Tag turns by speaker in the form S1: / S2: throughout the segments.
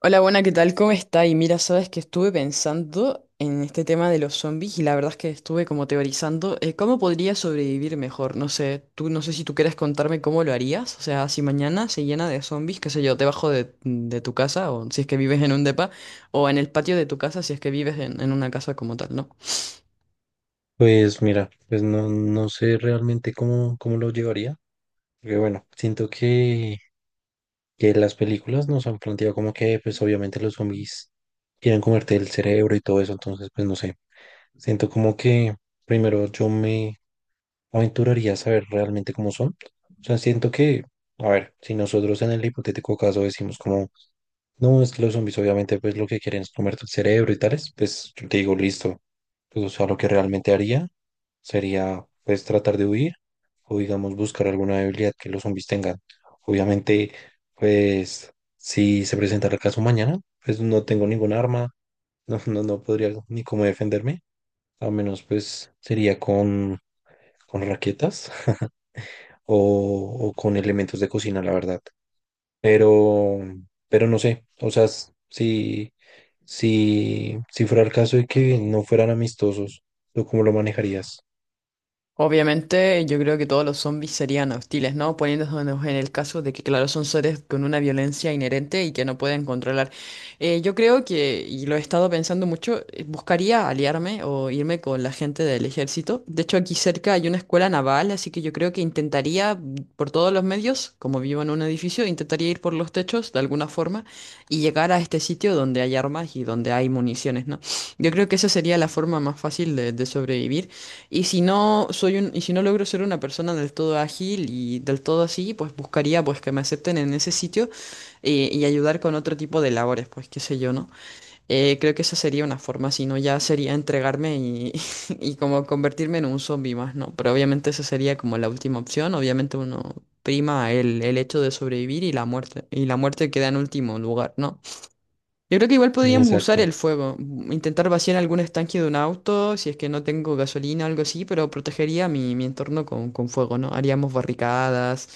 S1: Hola, buena, ¿qué tal? ¿Cómo está? Y mira, sabes que estuve pensando en este tema de los zombies y la verdad es que estuve como teorizando cómo podría sobrevivir mejor. No sé, tú no sé si tú quieres contarme cómo lo harías. O sea, si mañana se llena de zombies, qué sé yo, debajo de tu casa, o si es que vives en un depa o en el patio de tu casa si es que vives en una casa como tal, ¿no?
S2: Pues mira, pues no, no sé realmente cómo lo llevaría. Porque bueno, siento que las películas nos han planteado como que pues obviamente los zombies quieren comerte el cerebro y todo eso. Entonces pues no sé. Siento como que primero yo me aventuraría a saber realmente cómo son. O sea, siento a ver, si nosotros en el hipotético caso decimos como, no, es que los zombies obviamente pues lo que quieren es comerte el cerebro y tales, pues yo te digo, listo. Pues, o sea, lo que realmente haría sería pues tratar de huir o digamos buscar alguna debilidad que los zombies tengan. Obviamente, pues si se presenta el caso mañana, pues no tengo ningún arma, no, no, no podría ni cómo defenderme, a menos pues sería con raquetas o, o con elementos de cocina, la verdad. Pero, pero no sé, o sea, si fuera el caso de que no fueran amistosos, ¿tú cómo lo manejarías?
S1: Obviamente, yo creo que todos los zombies serían hostiles, ¿no? Poniéndonos en el caso de que, claro, son seres con una violencia inherente y que no pueden controlar. Yo creo que, y lo he estado pensando mucho, buscaría aliarme o irme con la gente del ejército. De hecho, aquí cerca hay una escuela naval, así que yo creo que intentaría, mm, por todos los medios, como vivo en un edificio, intentaría ir por los techos de alguna forma y llegar a este sitio donde hay armas y donde hay municiones, ¿no? Yo creo que esa sería la forma más fácil de sobrevivir. Y si no soy y si no logro ser una persona del todo ágil y del todo así, pues buscaría pues que me acepten en ese sitio y ayudar con otro tipo de labores, pues qué sé yo, ¿no? Creo que esa sería una forma, si no ya sería entregarme y como convertirme en un zombie más, ¿no? Pero obviamente esa sería como la última opción, obviamente uno prima el hecho de sobrevivir y la muerte queda en último lugar, ¿no? Yo creo que igual podríamos usar
S2: Exacto.
S1: el fuego, mm, intentar vaciar algún estanque de un auto, si es que no tengo gasolina o algo así, pero protegería mi entorno con fuego, ¿no? Haríamos barricadas.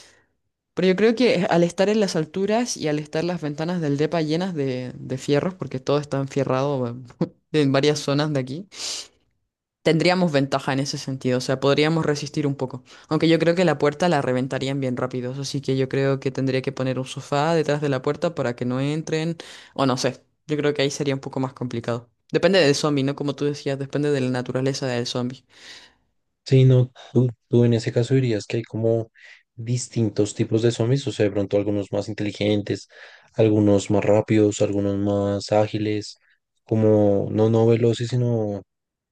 S1: Pero yo creo que al estar en las alturas y al estar las ventanas del depa llenas de fierros, porque todo está enfierrado en varias zonas de aquí, tendríamos ventaja en ese sentido, o sea, podríamos resistir un poco. Aunque yo creo que la puerta la reventarían bien rápido, así que yo creo que tendría que poner un sofá detrás de la puerta para que no entren, o no sé, yo creo que ahí sería un poco más complicado. Depende del zombie, ¿no? Como tú decías, depende de la naturaleza del zombie.
S2: Sí, no, tú en ese caso dirías que hay como distintos tipos de zombies, o sea, de pronto algunos más inteligentes, algunos más rápidos, algunos más ágiles, como no veloces, sino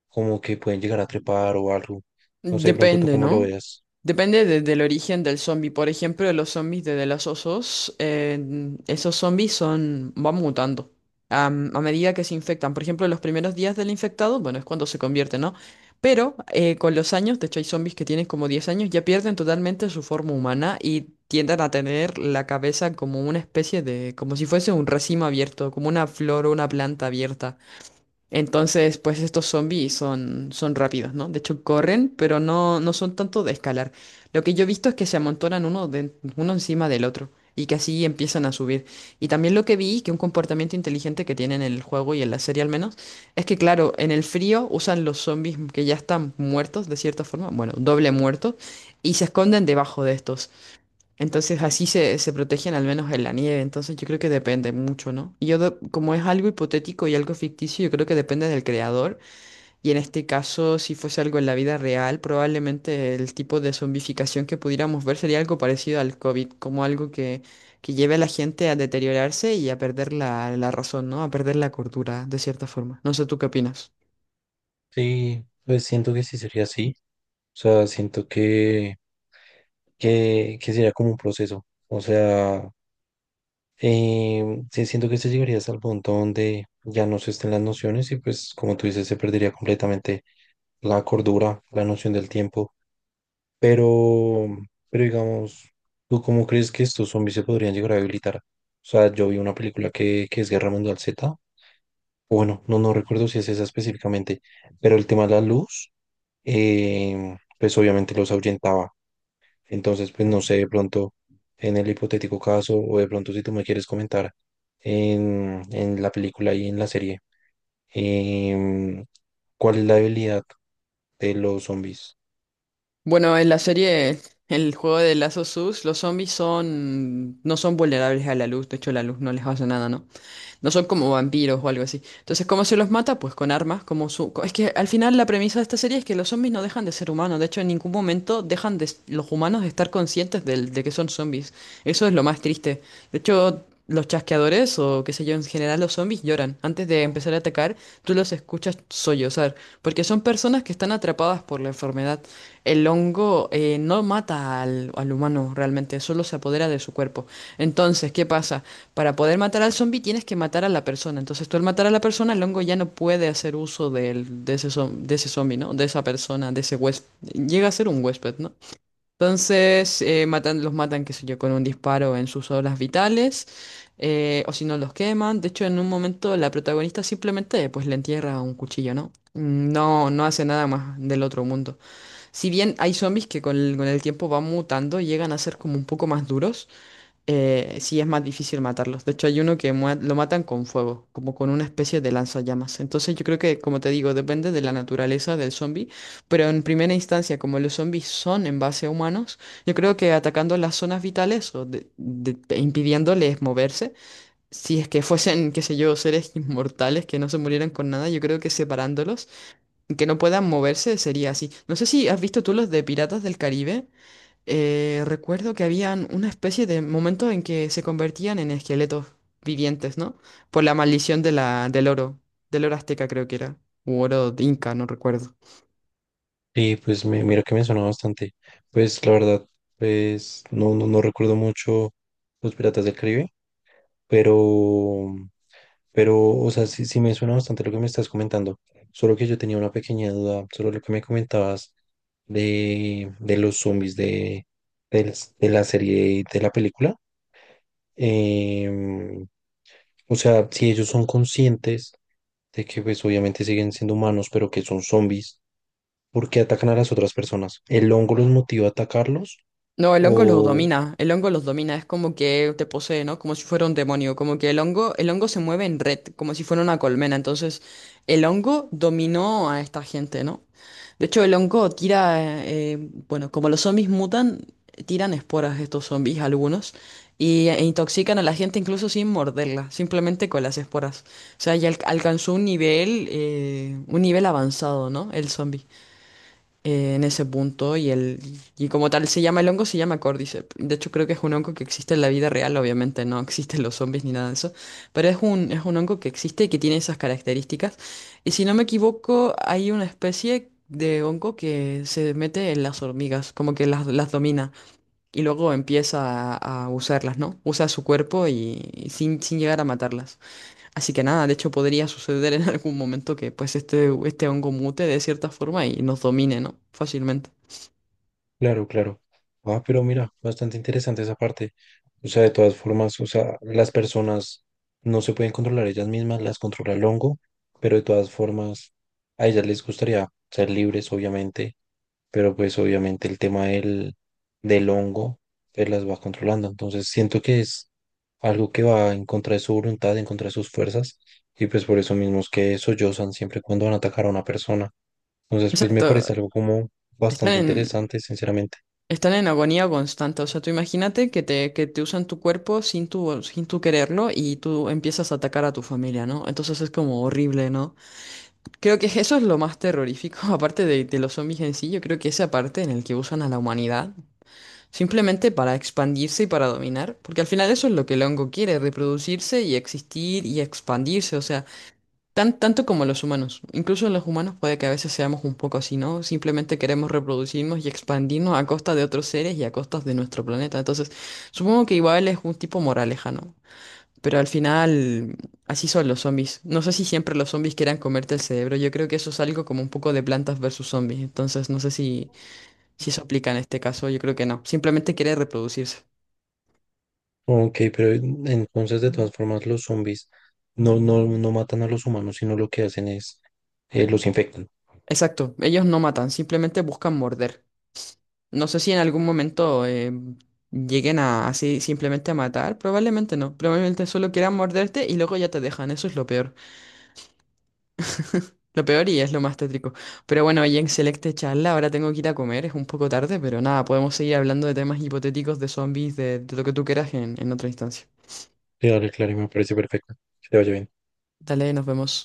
S2: como que pueden llegar a trepar o algo. No sé, de pronto tú
S1: Depende,
S2: cómo lo
S1: ¿no?
S2: veas.
S1: Depende del origen del zombie. Por ejemplo, los zombies de The Last of Us, esos zombies son, van mutando a medida que se infectan. Por ejemplo, los primeros días del infectado, bueno, es cuando se convierte, ¿no? Pero con los años, de hecho hay zombies que tienen como 10 años, ya pierden totalmente su forma humana y tienden a tener la cabeza como una especie de, como si fuese un racimo abierto, como una flor o una planta abierta. Entonces, pues estos zombies son, son rápidos, ¿no? De hecho, corren, pero no, no son tanto de escalar. Lo que yo he visto es que se amontonan uno encima del otro y que así empiezan a subir. Y también lo que vi, que un comportamiento inteligente que tienen en el juego y en la serie al menos, es que claro, en el frío usan los zombies que ya están muertos de cierta forma, bueno, doble muertos, y se esconden debajo de estos. Entonces así se, se protegen al menos en la nieve, entonces yo creo que depende mucho, ¿no? Y yo, como es algo hipotético y algo ficticio, yo creo que depende del creador, y en este caso, si fuese algo en la vida real, probablemente el tipo de zombificación que pudiéramos ver sería algo parecido al COVID, como algo que lleve a la gente a deteriorarse y a perder la razón, ¿no? A perder la cordura, de cierta forma. No sé, ¿tú qué opinas?
S2: Sí, pues siento que sí sería así. O sea, siento que sería como un proceso. O sea, sí, siento que se llegaría hasta el punto donde ya no se estén las nociones y pues como tú dices, se perdería completamente la cordura, la noción del tiempo. Pero, pero digamos, ¿tú cómo crees que estos zombies se podrían llegar a habilitar? O sea, yo vi una película que es Guerra Mundial Z, o bueno, no, no recuerdo si es esa específicamente, pero el tema de la luz, pues obviamente los ahuyentaba. Entonces, pues no sé, de pronto, en el hipotético caso, o de pronto si tú me quieres comentar en la película y en la serie, em, ¿cuál es la debilidad de los zombies?
S1: Bueno, en la serie, el juego de Lazo Sus, los zombies son, no son vulnerables a la luz, de hecho la luz no les hace nada, ¿no? No son como vampiros o algo así. Entonces, ¿cómo se los mata? Pues con armas, como Es que al final la premisa de esta serie es que los zombies no dejan de ser humanos. De hecho, en ningún momento dejan los humanos de estar conscientes de que son zombies. Eso es lo más triste. De hecho, los chasqueadores o qué sé yo, en general los zombies lloran. Antes de empezar a atacar, tú los escuchas sollozar. Porque son personas que están atrapadas por la enfermedad. El hongo no mata al humano realmente, solo se apodera de su cuerpo. Entonces, ¿qué pasa? Para poder matar al zombie tienes que matar a la persona. Entonces tú al matar a la persona, el hongo ya no puede hacer uso de ese zombie, ¿no? De esa persona, de ese huésped. Llega a ser un huésped, ¿no? Entonces matan, los matan, qué sé yo, con un disparo en sus obras vitales. O si no, los queman. De hecho, en un momento la protagonista simplemente pues le entierra un cuchillo, ¿no? Mm, no, no hace nada más del otro mundo. Si bien hay zombies que con el tiempo van mutando y llegan a ser como un poco más duros, sí es más difícil matarlos. De hecho, hay uno que lo matan con fuego, como con una especie de lanzallamas. Entonces, yo creo que, como te digo, depende de la naturaleza del zombie, pero en primera instancia, como los zombies son en base a humanos, yo creo que atacando las zonas vitales e impidiéndoles moverse, si es que fuesen, qué sé yo, seres inmortales que no se murieran con nada, yo creo que separándolos, que no puedan moverse, sería así. No sé si has visto tú los de Piratas del Caribe. Recuerdo que habían una especie de momento en que se convertían en esqueletos vivientes, ¿no? Por la maldición de del oro azteca creo que era, u oro de inca, no recuerdo.
S2: Sí, pues me, mira que me suena bastante. Pues la verdad, pues no, no, no recuerdo mucho Los Piratas del Caribe, pero, o sea, sí me suena bastante lo que me estás comentando. Solo que yo tenía una pequeña duda sobre lo que me comentabas de los zombies de de la serie y de la película. Em, o sea, si ellos son conscientes de que pues obviamente siguen siendo humanos, pero que son zombies, ¿por qué atacan a las otras personas? ¿El hongo los motiva a atacarlos?
S1: No, el hongo los
S2: O,
S1: domina, el hongo los domina, es como que te posee, ¿no? Como si fuera un demonio, como que el hongo se mueve en red, como si fuera una colmena, entonces el hongo dominó a esta gente, ¿no? De hecho, el hongo tira, bueno, como los zombies mutan, tiran esporas estos zombies algunos e intoxican a la gente incluso sin morderla, simplemente con las esporas. O sea, ya alcanzó un nivel avanzado, ¿no? El zombie en ese punto y como tal se llama el hongo, se llama Cordyceps. De hecho, creo que es un hongo que existe en la vida real, obviamente no existen los zombies ni nada de eso, pero es un hongo que existe y que tiene esas características. Y si no me equivoco, hay una especie de hongo que se mete en las hormigas, como que las domina y luego empieza a usarlas, ¿no? Usa su cuerpo y sin llegar a matarlas. Así que nada, de hecho podría suceder en algún momento que pues este hongo mute de cierta forma y nos domine, ¿no? Fácilmente.
S2: claro, claro. Ah, pero mira, bastante interesante esa parte. O sea, de todas formas, o sea, las personas no se pueden controlar ellas mismas, las controla el hongo, pero de todas formas, a ellas les gustaría ser libres, obviamente pero pues obviamente el tema del hongo pues las va controlando. Entonces siento que es algo que va en contra de su voluntad, en contra de sus fuerzas, y pues por eso mismo es que sollozan siempre cuando van a atacar a una persona. Entonces pues me
S1: Exacto.
S2: parece algo como
S1: Están
S2: bastante
S1: en,
S2: interesante, sinceramente.
S1: están en agonía constante. O sea, tú imagínate que te usan tu cuerpo sin sin tu quererlo y tú empiezas a atacar a tu familia, ¿no? Entonces es como horrible, ¿no? Creo que eso es lo más terrorífico, aparte de los zombies en sí, yo creo que esa parte en el que usan a la humanidad simplemente para expandirse y para dominar, porque al final eso es lo que el hongo quiere, reproducirse y existir y expandirse, o sea, tanto como los humanos. Incluso los humanos puede que a veces seamos un poco así, ¿no? Simplemente queremos reproducirnos y expandirnos a costa de otros seres y a costas de nuestro planeta. Entonces, supongo que igual es un tipo moraleja, ¿no? Pero al final, así son los zombies. No sé si siempre los zombies quieran comerte el cerebro, yo creo que eso es algo como un poco de plantas versus zombies, entonces no sé si... Si eso aplica en este caso, yo creo que no. Simplemente quiere reproducirse.
S2: Ok, pero entonces de todas formas los zombies no, no, no matan a los humanos, sino lo que hacen es los infectan.
S1: Exacto, ellos no matan, simplemente buscan morder. No sé si en algún momento lleguen a así simplemente a matar, probablemente no. Probablemente solo quieran morderte y luego ya te dejan, eso es lo peor. Lo peor y es lo más tétrico. Pero bueno, oye, excelente charla, ahora tengo que ir a comer, es un poco tarde, pero nada, podemos seguir hablando de temas hipotéticos, de zombies, de lo que tú quieras en otra instancia.
S2: Sí, dale, claro, me parece perfecto. Que te vaya bien.
S1: Dale, nos vemos.